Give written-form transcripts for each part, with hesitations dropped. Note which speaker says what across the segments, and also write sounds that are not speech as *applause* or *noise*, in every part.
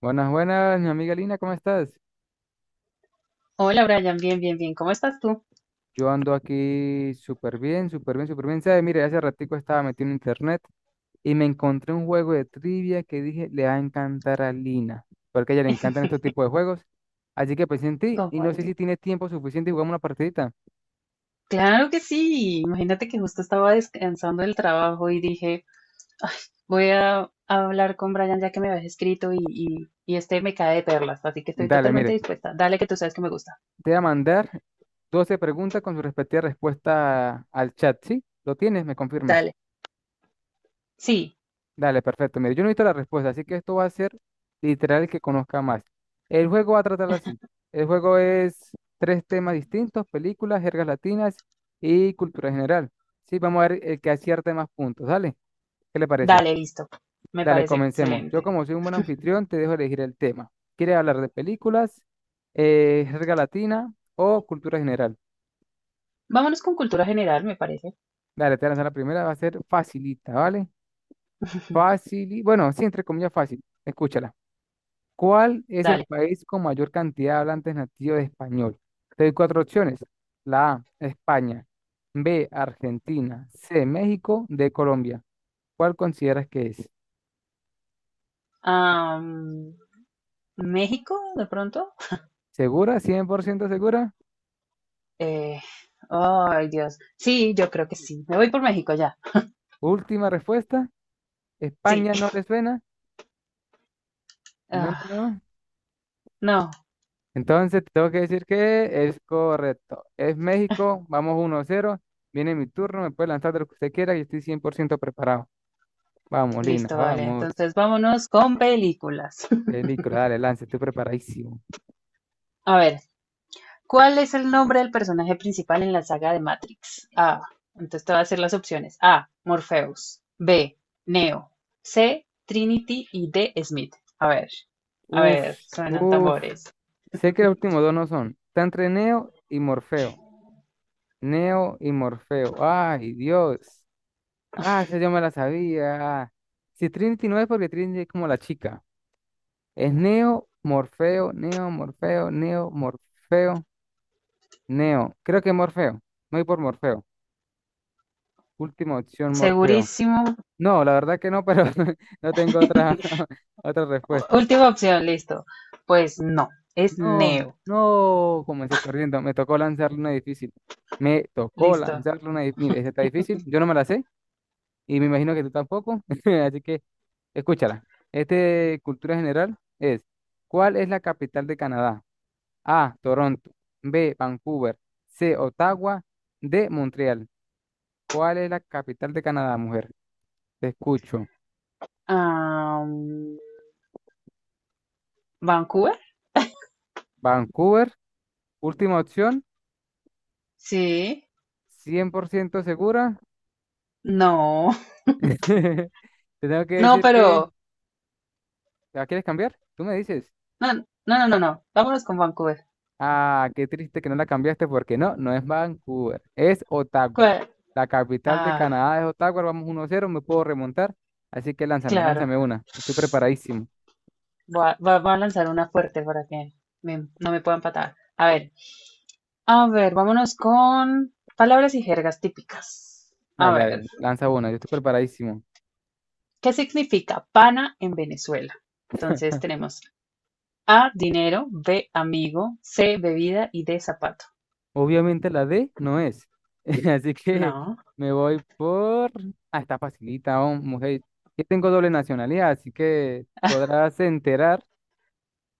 Speaker 1: Buenas, buenas, mi amiga Lina, ¿cómo estás?
Speaker 2: Hola Brian, bien, bien, bien. ¿Cómo estás tú?
Speaker 1: Yo ando aquí súper bien, súper bien, súper bien. ¿Sabes? Mire, hace ratico estaba metido en internet y me encontré un juego de trivia que dije le va a encantar a Lina, porque a ella le encantan estos tipos de juegos. Así que pensé en ti y
Speaker 2: ¿Cómo
Speaker 1: no sé
Speaker 2: ahí?
Speaker 1: si tiene tiempo suficiente y jugamos una partidita.
Speaker 2: Claro que sí. Imagínate que justo estaba descansando del trabajo y dije, voy a hablar con Brian ya que me habías escrito y este me cae de perlas, así que estoy
Speaker 1: Dale,
Speaker 2: totalmente
Speaker 1: mire,
Speaker 2: dispuesta. Dale que tú sabes que me gusta.
Speaker 1: te voy a mandar 12 preguntas con su respectiva respuesta al chat, ¿sí? ¿Lo tienes? ¿Me confirmas?
Speaker 2: Dale. Sí,
Speaker 1: Dale, perfecto. Mire, yo no he visto la respuesta, así que esto va a ser literal el que conozca más. El juego va a tratar así. El juego es tres temas distintos, películas, jergas latinas y cultura general. Sí, vamos a ver el que acierte más puntos. Dale, ¿qué le parece?
Speaker 2: dale, listo. Me
Speaker 1: Dale,
Speaker 2: parece
Speaker 1: comencemos. Yo
Speaker 2: excelente.
Speaker 1: como soy un buen anfitrión, te dejo elegir el tema. ¿Quieres hablar de películas, jerga latina o cultura general?
Speaker 2: Vámonos con cultura general, me parece.
Speaker 1: Dale, te voy a lanzar la primera, va a ser facilita, ¿vale?
Speaker 2: *laughs*
Speaker 1: Fácil, bueno, sí, entre comillas fácil. Escúchala. ¿Cuál es el
Speaker 2: Dale.
Speaker 1: país con mayor cantidad de hablantes nativos de español? Te doy cuatro opciones. La A, España. B, Argentina. C, México. D, Colombia. ¿Cuál consideras que es?
Speaker 2: Am, ¿México, de pronto?
Speaker 1: ¿Segura? ¿100% segura?
Speaker 2: Eh, ay, Dios. Sí, yo creo que sí. Me voy por México ya.
Speaker 1: Última respuesta.
Speaker 2: Sí.
Speaker 1: ¿España no le suena? No, no,
Speaker 2: *laughs*
Speaker 1: no.
Speaker 2: No,
Speaker 1: Entonces te tengo que decir que es correcto. Es México. Vamos 1-0. Viene mi turno. Me puede lanzar de lo que usted quiera y estoy 100% preparado. Vamos, Lina.
Speaker 2: listo, vale.
Speaker 1: Vamos.
Speaker 2: Entonces vámonos con películas. *laughs*
Speaker 1: Peligro, dale, lance, estoy preparadísimo.
Speaker 2: A ver, ¿cuál es el nombre del personaje principal en la saga de Matrix? A. Entonces te voy a hacer las opciones. A, Morpheus. B, Neo. C, Trinity y D, Smith. A
Speaker 1: Uf,
Speaker 2: ver, suenan
Speaker 1: uf.
Speaker 2: tambores.
Speaker 1: Sé que los últimos dos no son. Está entre Neo y Morfeo. Neo y Morfeo. Ay, Dios. Ah, esa yo me la sabía. Si Trinity no es porque Trinity es como la chica. Es Neo, Morfeo, Neo, Morfeo, Neo, Morfeo. Neo, creo que Morfeo. Me voy por Morfeo. Última opción, Morfeo.
Speaker 2: Segurísimo.
Speaker 1: No, la verdad que no, pero *laughs* no tengo otra, *laughs* otra respuesta.
Speaker 2: Última opción, listo. Pues no, es
Speaker 1: No,
Speaker 2: Neo.
Speaker 1: no, comencé perdiendo. Me tocó lanzarle una difícil. Me tocó
Speaker 2: Listo.
Speaker 1: lanzarle una difícil. Mire, esta está difícil. Yo no me la sé y me imagino que tú tampoco. *laughs* Así que escúchala. Este cultura general es, ¿cuál es la capital de Canadá? A, Toronto. B, Vancouver. C, Ottawa. D, Montreal. ¿Cuál es la capital de Canadá, mujer? Te escucho.
Speaker 2: Am, ¿Vancouver?
Speaker 1: Vancouver, última opción,
Speaker 2: Sí.
Speaker 1: ¿100% segura?
Speaker 2: No. *laughs*
Speaker 1: *laughs* Te tengo que
Speaker 2: No,
Speaker 1: decir que...
Speaker 2: pero
Speaker 1: ¿La quieres cambiar? Tú me dices.
Speaker 2: no, no, no, no, no. Vámonos con Vancouver.
Speaker 1: Ah, qué triste que no la cambiaste porque no, no es Vancouver, es Ottawa.
Speaker 2: ¿Cuál?
Speaker 1: La capital de
Speaker 2: Ah,
Speaker 1: Canadá es Ottawa, vamos 1-0, me puedo remontar. Así que lánzame,
Speaker 2: claro.
Speaker 1: lánzame una. Estoy preparadísimo.
Speaker 2: Va a lanzar una fuerte para que no me puedan patar. A ver, vámonos con palabras y jergas típicas. A
Speaker 1: Dale,
Speaker 2: ver,
Speaker 1: dale, lanza una, yo estoy preparadísimo.
Speaker 2: ¿qué significa pana en Venezuela? Entonces tenemos A, dinero, B, amigo, C, bebida y D, zapato.
Speaker 1: Obviamente la D no es. *laughs* Así que
Speaker 2: No,
Speaker 1: me voy por... Ah, está facilita, oh, mujer. Yo tengo doble nacionalidad, así que podrás enterar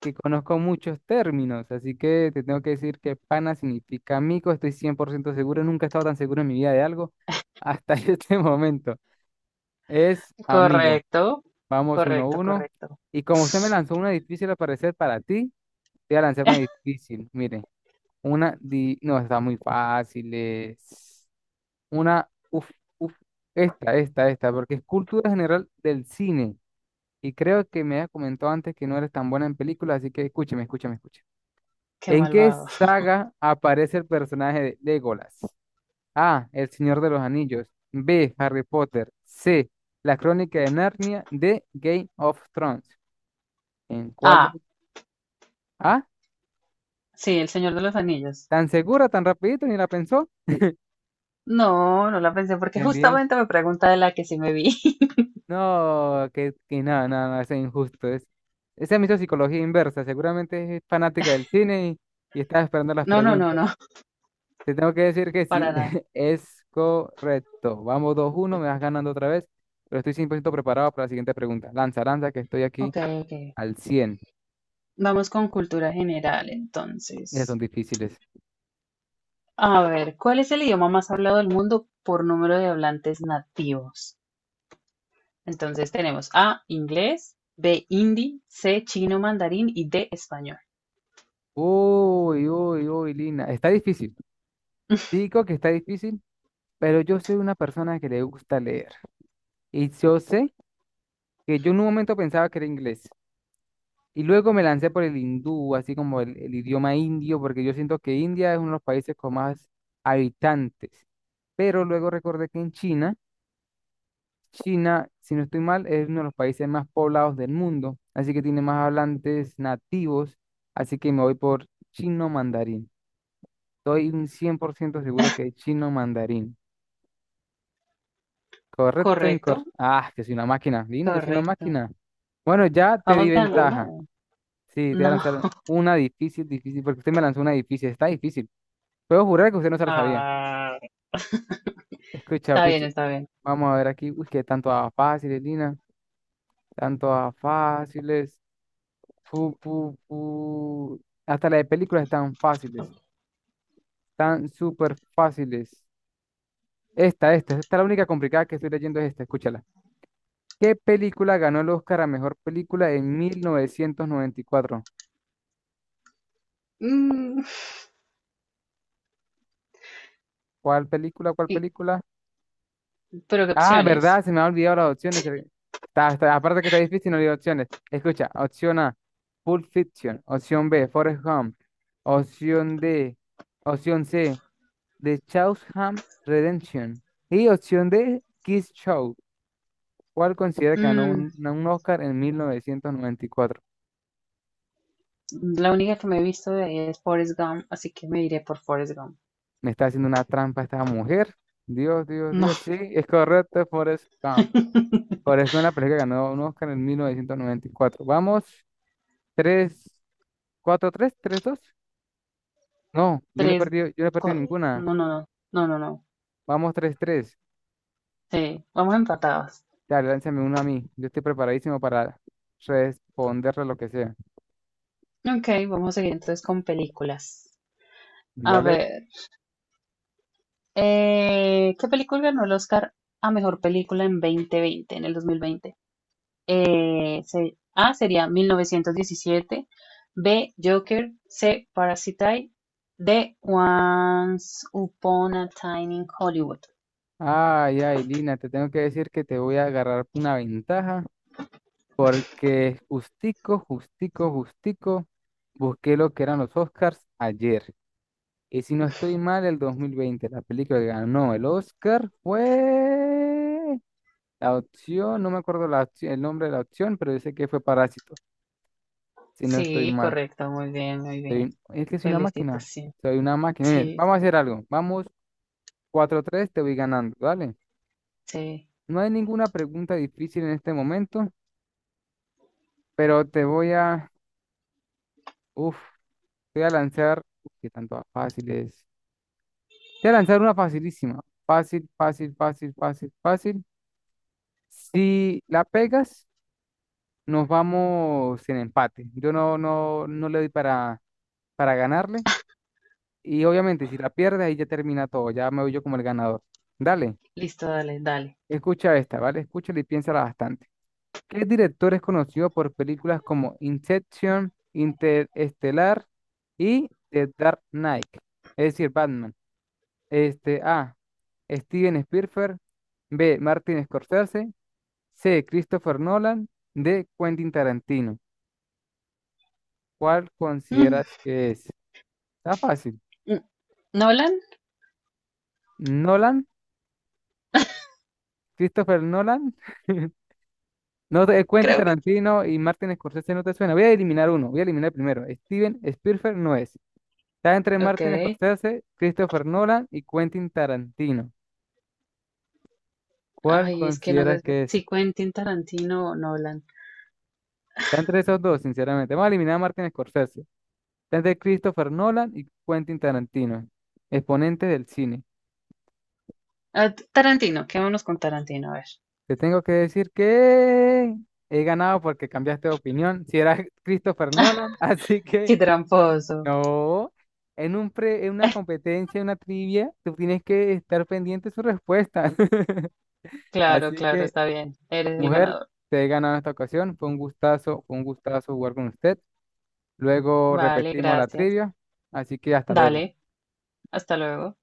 Speaker 1: que conozco muchos términos. Así que te tengo que decir que pana significa amigo. Estoy 100% seguro. Nunca he estado tan seguro en mi vida de algo hasta *laughs* este momento. Es amigo.
Speaker 2: correcto,
Speaker 1: Vamos uno a
Speaker 2: correcto,
Speaker 1: uno.
Speaker 2: correcto.
Speaker 1: Y como usted me lanzó una difícil al parecer para ti, te voy a lanzar una difícil. Mire, una... No, está muy fácil. Una, uf, uf, esta, porque es cultura general del cine. Y creo que me había comentado antes que no eres tan buena en películas, así que escúcheme, escúchame, escúchame.
Speaker 2: Qué
Speaker 1: ¿En qué
Speaker 2: malvado.
Speaker 1: saga aparece el personaje de Legolas? A. El Señor de los Anillos. B. Harry Potter. C. La Crónica de Narnia. D. Game of Thrones. ¿En cuál
Speaker 2: A,
Speaker 1: de... Ah,
Speaker 2: sí, El Señor de los Anillos.
Speaker 1: tan segura, tan rapidito, ni la pensó.
Speaker 2: No, no la pensé porque
Speaker 1: Bien.
Speaker 2: justamente me pregunta de la que sí me vi. *laughs*
Speaker 1: No, que no, no, no, eso es injusto. Es, esa es mi psicología inversa. Seguramente es fanática del cine y está esperando las
Speaker 2: No, no, no,
Speaker 1: preguntas.
Speaker 2: no,
Speaker 1: Te tengo que decir que sí,
Speaker 2: para nada.
Speaker 1: *laughs* es correcto. Vamos 2-1, me vas ganando otra vez, pero estoy 100% preparado para la siguiente pregunta. Lanza, lanza, que estoy aquí
Speaker 2: Ok, ok.
Speaker 1: al 100.
Speaker 2: Vamos con cultura general,
Speaker 1: Esas son
Speaker 2: entonces.
Speaker 1: difíciles.
Speaker 2: A ver, ¿cuál es el idioma más hablado del mundo por número de hablantes nativos? Entonces tenemos A, inglés, B, hindi, C, chino mandarín y D, español.
Speaker 1: Uy, uy, uy, Lina. Está difícil. Digo que está difícil, pero yo soy una persona que le gusta leer. Y yo sé que yo en un momento pensaba que era inglés. Y luego me lancé por el hindú, así como el idioma indio, porque yo siento que India es uno de los países con más habitantes. Pero luego recordé que en China, si no estoy mal, es uno de los países más poblados del mundo, así que tiene más hablantes nativos, así que me voy por chino mandarín. Estoy un 100% seguro que es chino mandarín. ¿Correcto,
Speaker 2: Correcto,
Speaker 1: incorrecto? Ah, que soy una máquina. Dina, yo soy una
Speaker 2: correcto.
Speaker 1: máquina. Bueno, ya te di
Speaker 2: Vamos
Speaker 1: ventaja.
Speaker 2: ganando.
Speaker 1: Sí, te voy a
Speaker 2: No.
Speaker 1: lanzar
Speaker 2: *laughs*
Speaker 1: una difícil, difícil, porque usted me lanzó una difícil, está difícil. Puedo jurar que usted no se la sabía.
Speaker 2: Ah,
Speaker 1: Escucha,
Speaker 2: está bien,
Speaker 1: escucha.
Speaker 2: está bien.
Speaker 1: Vamos a ver aquí. Uy, que tanto a fáciles, Lina. Tanto a fáciles. Pu, pu, pu. Hasta las de películas están fáciles. Están súper fáciles. Esta es la única complicada que estoy leyendo es esta, escúchala. ¿Qué película ganó el Oscar a mejor película en 1994?
Speaker 2: Mm,
Speaker 1: ¿Cuál película? ¿Cuál
Speaker 2: y-
Speaker 1: película?
Speaker 2: pero ¿qué
Speaker 1: Ah,
Speaker 2: opciones?
Speaker 1: verdad, se me ha olvidado las opciones. Aparte que está difícil, no olvidé opciones. Escucha, opción A, Pulp Fiction. Opción B, Forrest Gump. Opción D, opción C, The Shawshank Redemption. Y opción D, Kiss Show. ¿Cuál considera que ganó
Speaker 2: Mm,
Speaker 1: un Oscar en 1994?
Speaker 2: La única que me he visto de ahí es Forrest Gump, así que me iré por Forrest Gump.
Speaker 1: Me está haciendo una trampa esta mujer. Dios, Dios,
Speaker 2: No.
Speaker 1: Dios. Sí, es correcto, Forrest Gump.
Speaker 2: *laughs*
Speaker 1: Forrest Gump, la película que ganó un Oscar en 1994. Vamos, 3. Cuatro tres, tres dos. No, yo no he
Speaker 2: Tres,
Speaker 1: perdido, yo no he perdido ninguna.
Speaker 2: No, no, no. No, no, no.
Speaker 1: Vamos 3-3.
Speaker 2: Sí, vamos empatados.
Speaker 1: Dale, lánzame uno a mí. Yo estoy preparadísimo para responderle lo que sea.
Speaker 2: Ok, vamos a seguir entonces con películas. A
Speaker 1: Dale.
Speaker 2: ver, ¿qué película ganó el Oscar a mejor película en 2020, en el 2020? A sería 1917, B Joker, C Parasite, D Once Upon a Time in Hollywood.
Speaker 1: Ay, ay, Lina, te tengo que decir que te voy a agarrar una ventaja porque justico, justico, justico, busqué lo que eran los Oscars ayer. Y si no estoy mal, el 2020 la película que ganó el Oscar fue... La opción, no me acuerdo la el nombre de la opción, pero yo sé que fue Parásito si no estoy
Speaker 2: Sí,
Speaker 1: mal.
Speaker 2: correcto, muy bien, muy bien.
Speaker 1: Es que soy una máquina.
Speaker 2: Felicitación.
Speaker 1: Soy una máquina. Mira,
Speaker 2: Sí,
Speaker 1: vamos
Speaker 2: sí,
Speaker 1: a hacer algo. Vamos 4 tres te voy ganando, ¿vale?
Speaker 2: sí.
Speaker 1: No hay ninguna pregunta difícil en este momento, pero te voy a... Uf, te voy a lanzar... Uf, qué tanto fácil es. Te voy a lanzar una facilísima. Fácil, fácil, fácil, fácil, fácil. Si la pegas, nos vamos en empate. Yo no, no, no le doy para ganarle. Y obviamente, si la pierdes, ahí ya termina todo. Ya me voy yo como el ganador. Dale.
Speaker 2: Listo, dale, dale.
Speaker 1: Escucha esta, ¿vale? Escúchala y piénsala bastante. ¿Qué director es conocido por películas como Inception, Interestelar y The Dark Knight? Es decir, Batman. Este, A. Steven Spielberg. B. Martin Scorsese. C. Christopher Nolan. D. Quentin Tarantino. ¿Cuál
Speaker 2: Mm,
Speaker 1: consideras que es? Está fácil.
Speaker 2: mm, ¿Nolan?
Speaker 1: ¿Nolan? ¿Christopher Nolan? *laughs* No te, Quentin
Speaker 2: Creo que
Speaker 1: Tarantino y Martin Scorsese no te suena. Voy a eliminar uno, voy a eliminar el primero. Steven Spielberg no es. Está entre
Speaker 2: ok.
Speaker 1: Martin Scorsese, Christopher Nolan y Quentin Tarantino. ¿Cuál
Speaker 2: Ay, es que no sé
Speaker 1: consideras que es?
Speaker 2: si Quentin Tarantino o Nolan.
Speaker 1: Está entre esos dos, sinceramente. Vamos a eliminar a Martin Scorsese. Está entre Christopher Nolan y Quentin Tarantino, exponentes del cine.
Speaker 2: Ah, Tarantino, quedémonos con Tarantino, a ver.
Speaker 1: Te tengo que decir que he ganado porque cambiaste de opinión. Si era *laughs* Christopher Nolan, así que
Speaker 2: Qué tramposo.
Speaker 1: no, en una competencia, en una trivia, tú tienes que estar pendiente de su respuesta. *laughs*
Speaker 2: Claro,
Speaker 1: Así
Speaker 2: claro,
Speaker 1: que,
Speaker 2: está bien. Eres el
Speaker 1: mujer,
Speaker 2: ganador.
Speaker 1: te he ganado esta ocasión. Fue un gustazo jugar con usted. Luego
Speaker 2: Vale,
Speaker 1: repetimos la
Speaker 2: gracias.
Speaker 1: trivia. Así que hasta luego.
Speaker 2: Dale, hasta luego.